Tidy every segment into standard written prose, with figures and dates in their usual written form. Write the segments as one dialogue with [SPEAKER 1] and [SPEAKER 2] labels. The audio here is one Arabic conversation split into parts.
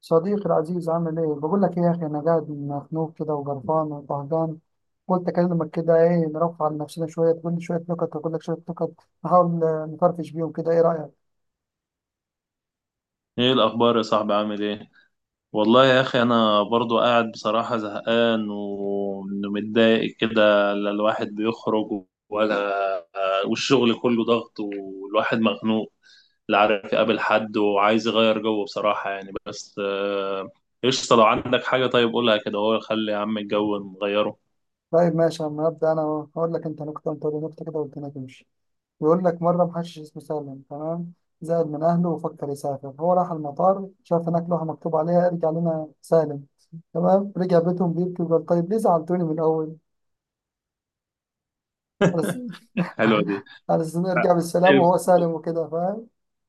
[SPEAKER 1] صديقي العزيز عامل ايه؟ بقول لك ايه يا اخي، انا قاعد مخنوق كده وقرفان وطهجان. قلت اكلمك كده، ايه نرفع عن نفسنا شويه، تقول لي شويه نكت اقول لك شويه نكت. نحاول نفرفش بيهم كده، ايه رايك؟
[SPEAKER 2] ايه الاخبار يا صاحبي؟ عامل ايه؟ والله يا اخي انا برضو قاعد بصراحة زهقان ومتضايق كده، لا الواحد بيخرج ولا، والشغل كله ضغط والواحد مخنوق، لا عارف يقابل حد وعايز يغير جو بصراحة يعني بس قشطة. لو عندك حاجة طيب قولها كده، هو خلي يا عم الجو نغيره.
[SPEAKER 1] طيب ماشي، اما ابدا انا. هقول لك انت نكته وانت تقول لي نكته كده والدنيا تمشي. بيقول لك مره محشش اسمه سالم، تمام، زعل من اهله وفكر يسافر، هو راح المطار شاف هناك لوحه مكتوب عليها ارجع لنا سالم. تمام رجع بيتهم بيبكي وقال طيب ليه زعلتوني من الاول؟ بس
[SPEAKER 2] الحلوة
[SPEAKER 1] على
[SPEAKER 2] دي.
[SPEAKER 1] أساس إنه يرجع بالسلام وهو سالم وكده، فاهم؟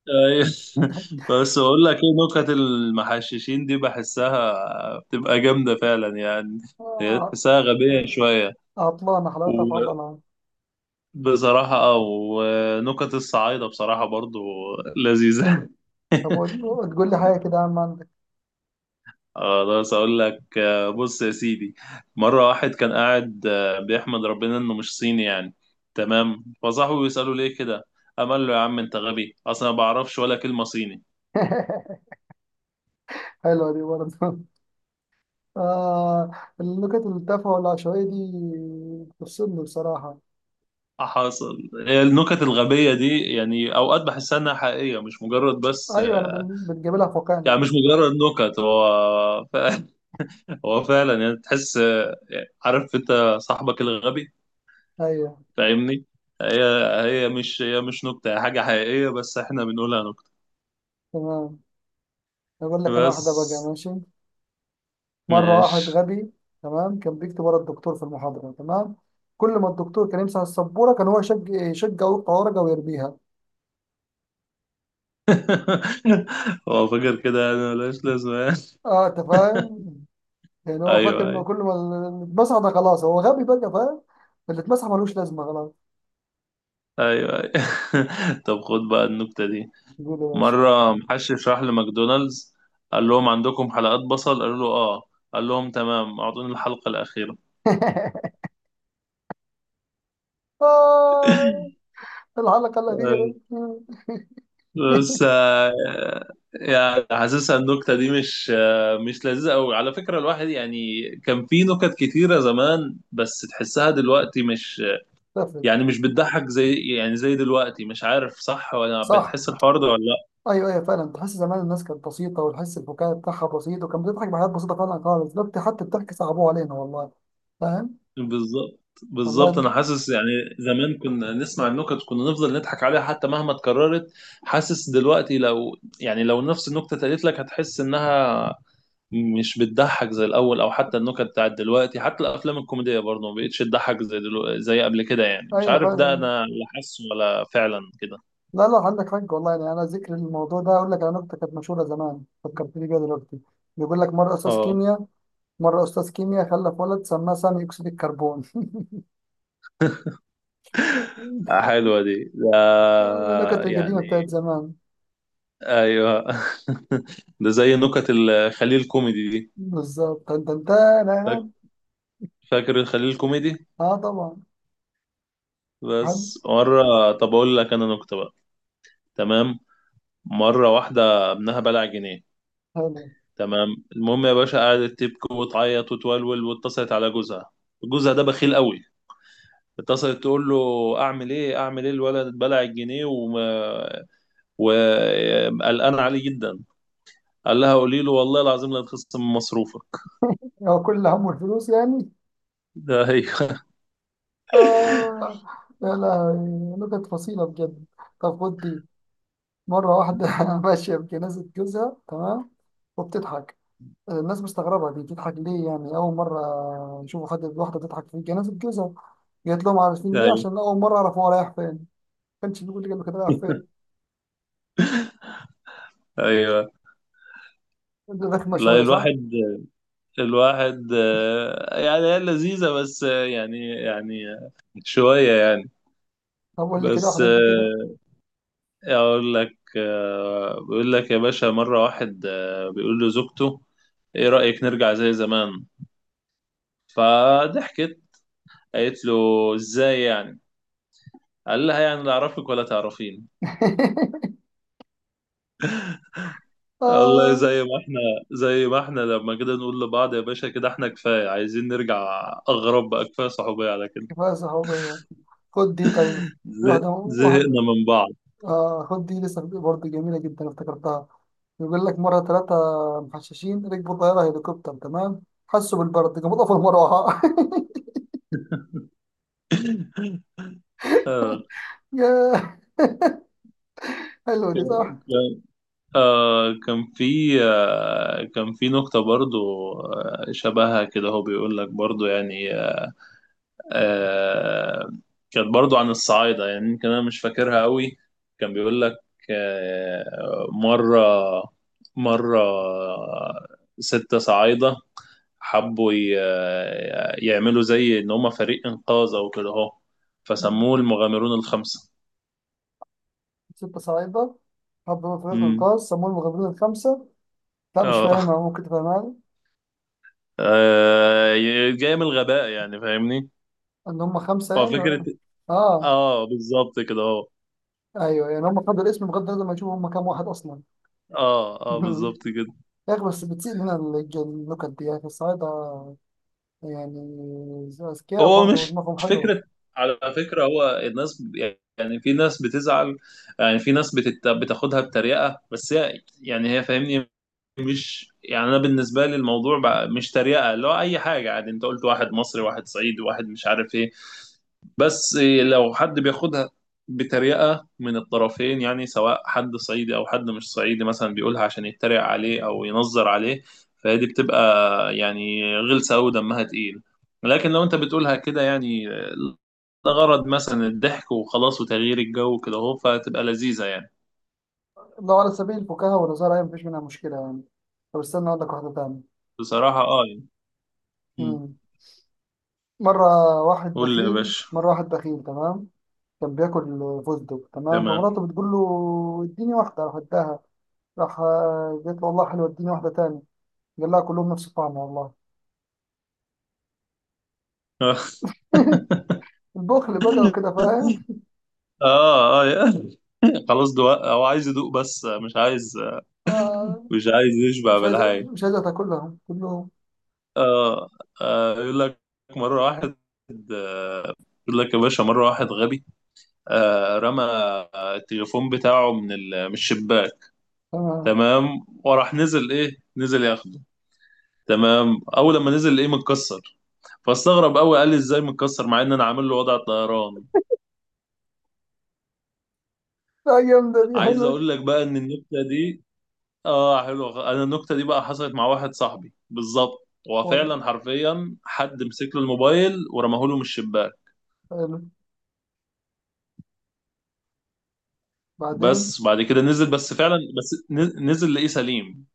[SPEAKER 2] أيوة. بس اقول لك ايه، نكت المحششين دي بحسها بتبقى جامده فعلا يعني، هي
[SPEAKER 1] آه،
[SPEAKER 2] تحسها غبيه شويه،
[SPEAKER 1] عطلانة حلاوتها في عضلها.
[SPEAKER 2] وبصراحه ونكت الصعايده بصراحه برضو لذيذه.
[SPEAKER 1] طب تقول لي حاجة كده يا عم، عندك؟
[SPEAKER 2] خلاص اقول لك، بص يا سيدي، مره واحد كان قاعد بيحمد ربنا انه مش صيني يعني. تمام، فصاحبه بيساله ليه كده، قام قال له يا عم انت غبي اصلا ما بعرفش ولا كلمه صيني.
[SPEAKER 1] حلوة دي برضه. آه. النكت التافهة والعشوائية دي بتفصلني بصراحة.
[SPEAKER 2] حصل النكت الغبية دي يعني أوقات بحسها إنها حقيقية، مش مجرد بس
[SPEAKER 1] أيوة، أنا بنجيب لها في واقعنا.
[SPEAKER 2] يعني، مش مجرد نكت، هو فعلا هو فعلا يعني تحس، عارف أنت صاحبك الغبي،
[SPEAKER 1] أيوة.
[SPEAKER 2] فاهمني؟ هي هي مش نكتة، هي حاجة حقيقية بس إحنا بنقولها نكتة.
[SPEAKER 1] تمام. أقول لك أنا
[SPEAKER 2] بس
[SPEAKER 1] واحدة بقى، ماشي. مرة واحد
[SPEAKER 2] ماشي.
[SPEAKER 1] غبي، تمام، كان بيكتب ورا الدكتور في المحاضرة، تمام. كل ما الدكتور كان يمسح السبورة كان هو يشجع ويقطع ورقة ويرميها.
[SPEAKER 2] هو فاكر كده يعني ملهاش لازمة يعني.
[SPEAKER 1] اه انت فاهم؟ يعني هو فاكر
[SPEAKER 2] أيوه
[SPEAKER 1] انه
[SPEAKER 2] أيوه.
[SPEAKER 1] كل ما اللي اتمسح ده خلاص، هو غبي بقى، فاهم؟ اللي اتمسح ملوش لازمه خلاص.
[SPEAKER 2] أيوه أيوه. طب خد بقى النكتة دي.
[SPEAKER 1] يقول يا باشا
[SPEAKER 2] مرة محشش راح لماكدونالدز، قال لهم عندكم حلقات بصل؟ قالوا له اه. قال لهم تمام، اعطوني الحلقة الأخيرة.
[SPEAKER 1] آه الحلقه الاخيره.
[SPEAKER 2] بس يعني حاسسها النكتة دي مش مش لذيذة أوي على فكرة. الواحد يعني كان في نكت كتيرة زمان بس تحسها دلوقتي مش
[SPEAKER 1] لفت.
[SPEAKER 2] يعني، مش بتضحك زي يعني زي دلوقتي، مش عارف صح ولا
[SPEAKER 1] صح.
[SPEAKER 2] بتحس الحوار ده ولا.
[SPEAKER 1] ايوه ايوه فعلا، تحس زمان الناس كانت بسيطه، وتحس البكاء بتاعها بسيط، وكانت بتضحك بحاجات بسيطه فعلا خالص. دلوقتي حتى الضحك صعبوه علينا والله. فاهم؟
[SPEAKER 2] بالظبط بالظبط، انا
[SPEAKER 1] والله.
[SPEAKER 2] حاسس يعني زمان كنا نسمع النكت كنا نفضل نضحك عليها حتى مهما اتكررت. حاسس دلوقتي لو يعني لو نفس النكته اتقالت لك هتحس انها مش بتضحك زي الاول، او حتى النكت بتاعت دلوقتي حتى الافلام الكوميديه برضه ما بقتش تضحك زي دلوقتي زي قبل كده يعني، مش
[SPEAKER 1] ايوه
[SPEAKER 2] عارف ده
[SPEAKER 1] فعلا.
[SPEAKER 2] انا اللي حاسه ولا فعلا كده.
[SPEAKER 1] لا لا عندك حق والله، يعني انا ذكر الموضوع ده اقول لك على نكته كانت مشهوره زمان فكرتني بيها دلوقتي. بيقول لك مره استاذ
[SPEAKER 2] اه
[SPEAKER 1] كيمياء مره استاذ كيمياء خلف ولد سماه سامي اكسيد الكربون.
[SPEAKER 2] حلوه دي ده،
[SPEAKER 1] النكت القديمة بتاعت
[SPEAKER 2] يعني
[SPEAKER 1] زمان.
[SPEAKER 2] ايوه. ده زي نكت الخليل كوميدي دي.
[SPEAKER 1] بالظبط، تن تن تن
[SPEAKER 2] فاك-
[SPEAKER 1] تن.
[SPEAKER 2] فاكر الخليل كوميدي؟
[SPEAKER 1] اه طبعا. حلو.
[SPEAKER 2] بس مرة، طب أقول لك أنا نكتة بقى. تمام. مرة واحدة ابنها بلع جنيه.
[SPEAKER 1] حلو.
[SPEAKER 2] تمام المهم يا باشا قعدت تبكي وتعيط وتولول واتصلت على جوزها، جوزها ده بخيل قوي. اتصلت تقول له أعمل إيه أعمل إيه، الولد بلع الجنيه وما، وقلقان عليه جدا. قال لها قولي له والله العظيم لا تخصم من مصروفك.
[SPEAKER 1] هو كل اللي همه الفلوس يعني.
[SPEAKER 2] ده أيوه.
[SPEAKER 1] اه. يا لهوي، نكت فصيلة بجد. طب خد دي. مرة واحدة ماشية بجنازة جوزها، تمام، وبتضحك. الناس مستغربة دي بتضحك ليه، يعني أول مرة يشوفوا حد واحدة بتضحك في جنازة جوزها. قالت لهم عارفين ليه؟
[SPEAKER 2] أيوه
[SPEAKER 1] عشان أول مرة عرفوا هو رايح فين، ما كانش بيقول لي كان رايح فين.
[SPEAKER 2] أيوه.
[SPEAKER 1] رخمة
[SPEAKER 2] لا
[SPEAKER 1] شوية صح؟
[SPEAKER 2] الواحد يعني هي لذيذة بس يعني يعني شوية يعني.
[SPEAKER 1] طب قول لي كده
[SPEAKER 2] بس
[SPEAKER 1] واحدة أنت كده.
[SPEAKER 2] إيه اقول لك، بيقول لك يا باشا مرة واحد بيقول له زوجته ايه رأيك نرجع زي زمان؟ فضحكت، قالت له ازاي يعني؟ قال لها يعني لا اعرفك ولا تعرفين. والله
[SPEAKER 1] آه.
[SPEAKER 2] زي ما احنا لما كده نقول لبعض يا باشا كده، احنا كفاية، عايزين نرجع اغرب بقى، كفاية صحوبية على كده.
[SPEAKER 1] كفاية صحوبية. خد دي طيب، واحدة. واحد
[SPEAKER 2] زهقنا من بعض.
[SPEAKER 1] آه، خد دي لسه برضه جميلة جدا افتكرتها. يقول لك مرة ثلاثة محششين ركبوا طيارة هليكوبتر، تمام، حسوا بالبرد قاموا طفوا المروحة.
[SPEAKER 2] آه،
[SPEAKER 1] ياه، حلوة دي صح.
[SPEAKER 2] ك- كان في نقطة برضو شبهها كده، هو بيقول لك برضو يعني، آه كانت برضو عن الصعايدة يعني، يمكن أنا مش فاكرها قوي. كان بيقول لك آه مرة مرة ستة صعايدة حبوا يعملوا زي إن هما فريق إنقاذ أو كده أهو، فسموه المغامرون الخمسة.
[SPEAKER 1] ستة صعيدة حبوا فريق
[SPEAKER 2] مم.
[SPEAKER 1] إنقاذ سموه المغامرين الخمسة. لا مش
[SPEAKER 2] اه
[SPEAKER 1] فاهمها، ممكن تفهمها لي؟
[SPEAKER 2] آه، جاية من الغباء يعني، فاهمني؟
[SPEAKER 1] إن هم خمسة
[SPEAKER 2] هو
[SPEAKER 1] يعني؟
[SPEAKER 2] فكرة.
[SPEAKER 1] آه.
[SPEAKER 2] اه بالظبط كده
[SPEAKER 1] أيوه يعني هم خدوا الاسم بغض النظر ما يشوفوا هم كام واحد أصلا.
[SPEAKER 2] اه اه بالظبط كده.
[SPEAKER 1] يا أخي، بس بتسيء لنا النكت دي يا أخي، الصعايدة يعني أذكياء
[SPEAKER 2] هو
[SPEAKER 1] برضه
[SPEAKER 2] مش
[SPEAKER 1] ودماغهم
[SPEAKER 2] مش
[SPEAKER 1] حلوة.
[SPEAKER 2] فكرة. على فكرة هو الناس يعني في ناس بتزعل، يعني في ناس بتاخدها بتريقة بس هي يعني هي فاهمني، مش يعني، انا بالنسبه لي الموضوع بقى مش تريقه، اللي هو اي حاجه عادي، انت قلت واحد مصري واحد صعيدي واحد مش عارف ايه. بس لو حد بياخدها بتريقه من الطرفين يعني، سواء حد صعيدي او حد مش صعيدي مثلا بيقولها عشان يتريق عليه او ينظر عليه، فهي دي بتبقى يعني غلسه قوي دمها تقيل. لكن لو انت بتقولها كده يعني لغرض مثلا الضحك وخلاص وتغيير الجو كده اهو فتبقى لذيذه يعني.
[SPEAKER 1] لو على سبيل الفكاهة والهزار أيوة مفيش منها مشكلة يعني. طب استنى أقول لك واحدة تانية.
[SPEAKER 2] بصراحه يعني. مم.
[SPEAKER 1] مم. مرة واحد
[SPEAKER 2] قول لي يا
[SPEAKER 1] بخيل
[SPEAKER 2] باشا.
[SPEAKER 1] مرة واحد بخيل تمام، كان بياكل فستق، تمام،
[SPEAKER 2] تمام.
[SPEAKER 1] فمراته بتقول له اديني واحدة، راح اداها. راح قالت له والله حلوة، اديني واحدة تاني. قال لها كلهم نفس الطعم والله. البخل بقى وكده، فاهم؟
[SPEAKER 2] اه اه. خلاص دوق، هو عايز يدوق بس مش عايز
[SPEAKER 1] آه.
[SPEAKER 2] مش عايز يشبع
[SPEAKER 1] مش عايز،
[SPEAKER 2] بالحاجة.
[SPEAKER 1] مش عايزة تاكلهم كلهم.
[SPEAKER 2] اه يقول لك مرة واحد آه، يقول لك يا باشا مرة واحد غبي، رمى التليفون بتاعه من الشباك.
[SPEAKER 1] تمام.
[SPEAKER 2] تمام وراح نزل ايه، نزل ياخده. تمام اول لما نزل ايه متكسر. فاستغرب قوي، قال لي ازاي متكسر مع ان انا عامل له وضع طيران؟
[SPEAKER 1] لا جامدة دي،
[SPEAKER 2] عايز
[SPEAKER 1] حلوة دي.
[SPEAKER 2] اقول لك بقى ان النكته دي، اه حلو، انا النكته دي بقى حصلت مع واحد صاحبي بالظبط، هو
[SPEAKER 1] والله.
[SPEAKER 2] فعلا حرفيا حد مسك له الموبايل ورماه له من الشباك.
[SPEAKER 1] حلو. بعدين.
[SPEAKER 2] وبس بعد كده نزل بس فعلا، بس نزل لقيه سليم.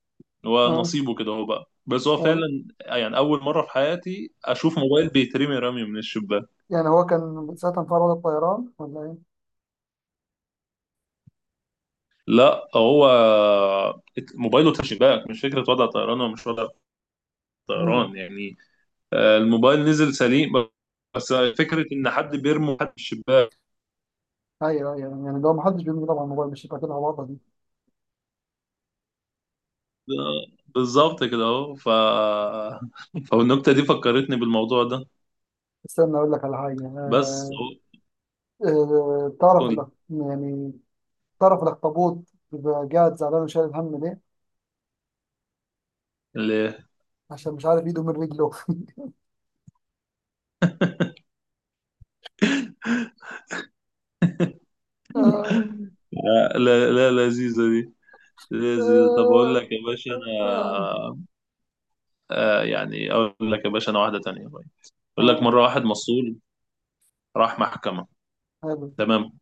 [SPEAKER 2] هو
[SPEAKER 1] اه
[SPEAKER 2] نصيبه كده هو بقى، بس هو
[SPEAKER 1] اه
[SPEAKER 2] فعلا يعني اول مره في حياتي اشوف موبايل بيترمي رمي من الشباك.
[SPEAKER 1] يعني. هو كان ساعتها انفرد الطيران ولا ايه؟
[SPEAKER 2] لا هو موبايله تحت الشباك، مش فكره وضع طيران ولا مش وضع
[SPEAKER 1] امم.
[SPEAKER 2] طيران يعني. الموبايل نزل سليم، بس فكره ان حد بيرمي حد من الشباك.
[SPEAKER 1] ايوه ايوه، يعني لو ما حدش بيملي طبعا الموبايل مش هيبقى كده الوضع دي.
[SPEAKER 2] بالظبط كده اهو، ف فالنكته دي فكرتني بالموضوع ده.
[SPEAKER 1] استنى اقول لك على حاجه،
[SPEAKER 2] بس
[SPEAKER 1] آه.
[SPEAKER 2] اهو
[SPEAKER 1] آه، تعرف
[SPEAKER 2] قول
[SPEAKER 1] يعني تعرف الاخطبوط بيبقى قاعد زعلان وشايل الهم ليه؟
[SPEAKER 2] ليه
[SPEAKER 1] عشان مش عارف ايده من رجله.
[SPEAKER 2] لا.
[SPEAKER 1] آه.
[SPEAKER 2] لا لا، لذيذه دي.
[SPEAKER 1] آه.
[SPEAKER 2] لذيذه، طب اقول لك يا
[SPEAKER 1] آه.
[SPEAKER 2] باشا انا
[SPEAKER 1] آه.
[SPEAKER 2] يعني اقول لك يا باشا انا واحده تانية طيب. اقول لك
[SPEAKER 1] آه،
[SPEAKER 2] مره واحد مسؤول راح محكمه.
[SPEAKER 1] حلو.
[SPEAKER 2] تمام.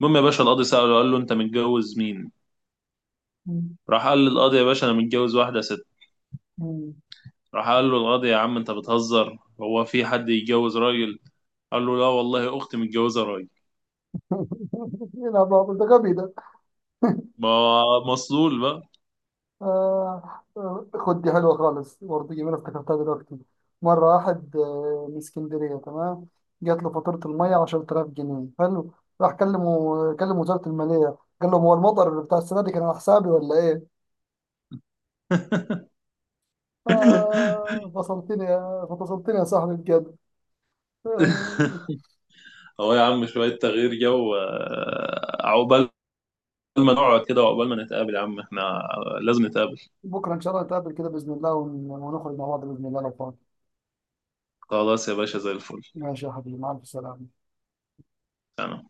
[SPEAKER 2] المهم يا باشا القاضي ساله قال له انت متجوز مين؟
[SPEAKER 1] مم.
[SPEAKER 2] راح قال للقاضي يا باشا انا متجوز واحده ست.
[SPEAKER 1] مم.
[SPEAKER 2] راح قال له القاضي يا عم انت بتهزر، هو في حد يتجوز راجل؟ قال له لا والله اختي متجوزه راجل.
[SPEAKER 1] يلعب عبط، ده غبي ده.
[SPEAKER 2] ما مسؤول بقى.
[SPEAKER 1] آه. خد دي حلوة خالص برضه، جميلة افتكرتها دلوقتي. مرة واحد من اسكندرية، تمام، جات له فاتورة المية 10,000 جنيه، حلو. راح كلمه، كلم وزارة المالية، قال لهم هو المطر بتاع السنة دي كان على حسابي ولا إيه؟ آه فصلتني يا صاحبي بجد. آه.
[SPEAKER 2] هو يا عم شوية تغيير جو، عقبال ما نقعد كده وعقبال ما نتقابل يا عم، احنا لازم نتقابل.
[SPEAKER 1] بكرة إن شاء الله نتقابل كده بإذن الله ونخرج مع بعض بإذن الله لو فاضي.
[SPEAKER 2] خلاص يا باشا زي الفل.
[SPEAKER 1] ماشي يا حبيبي، مع ألف سلامة.
[SPEAKER 2] تمام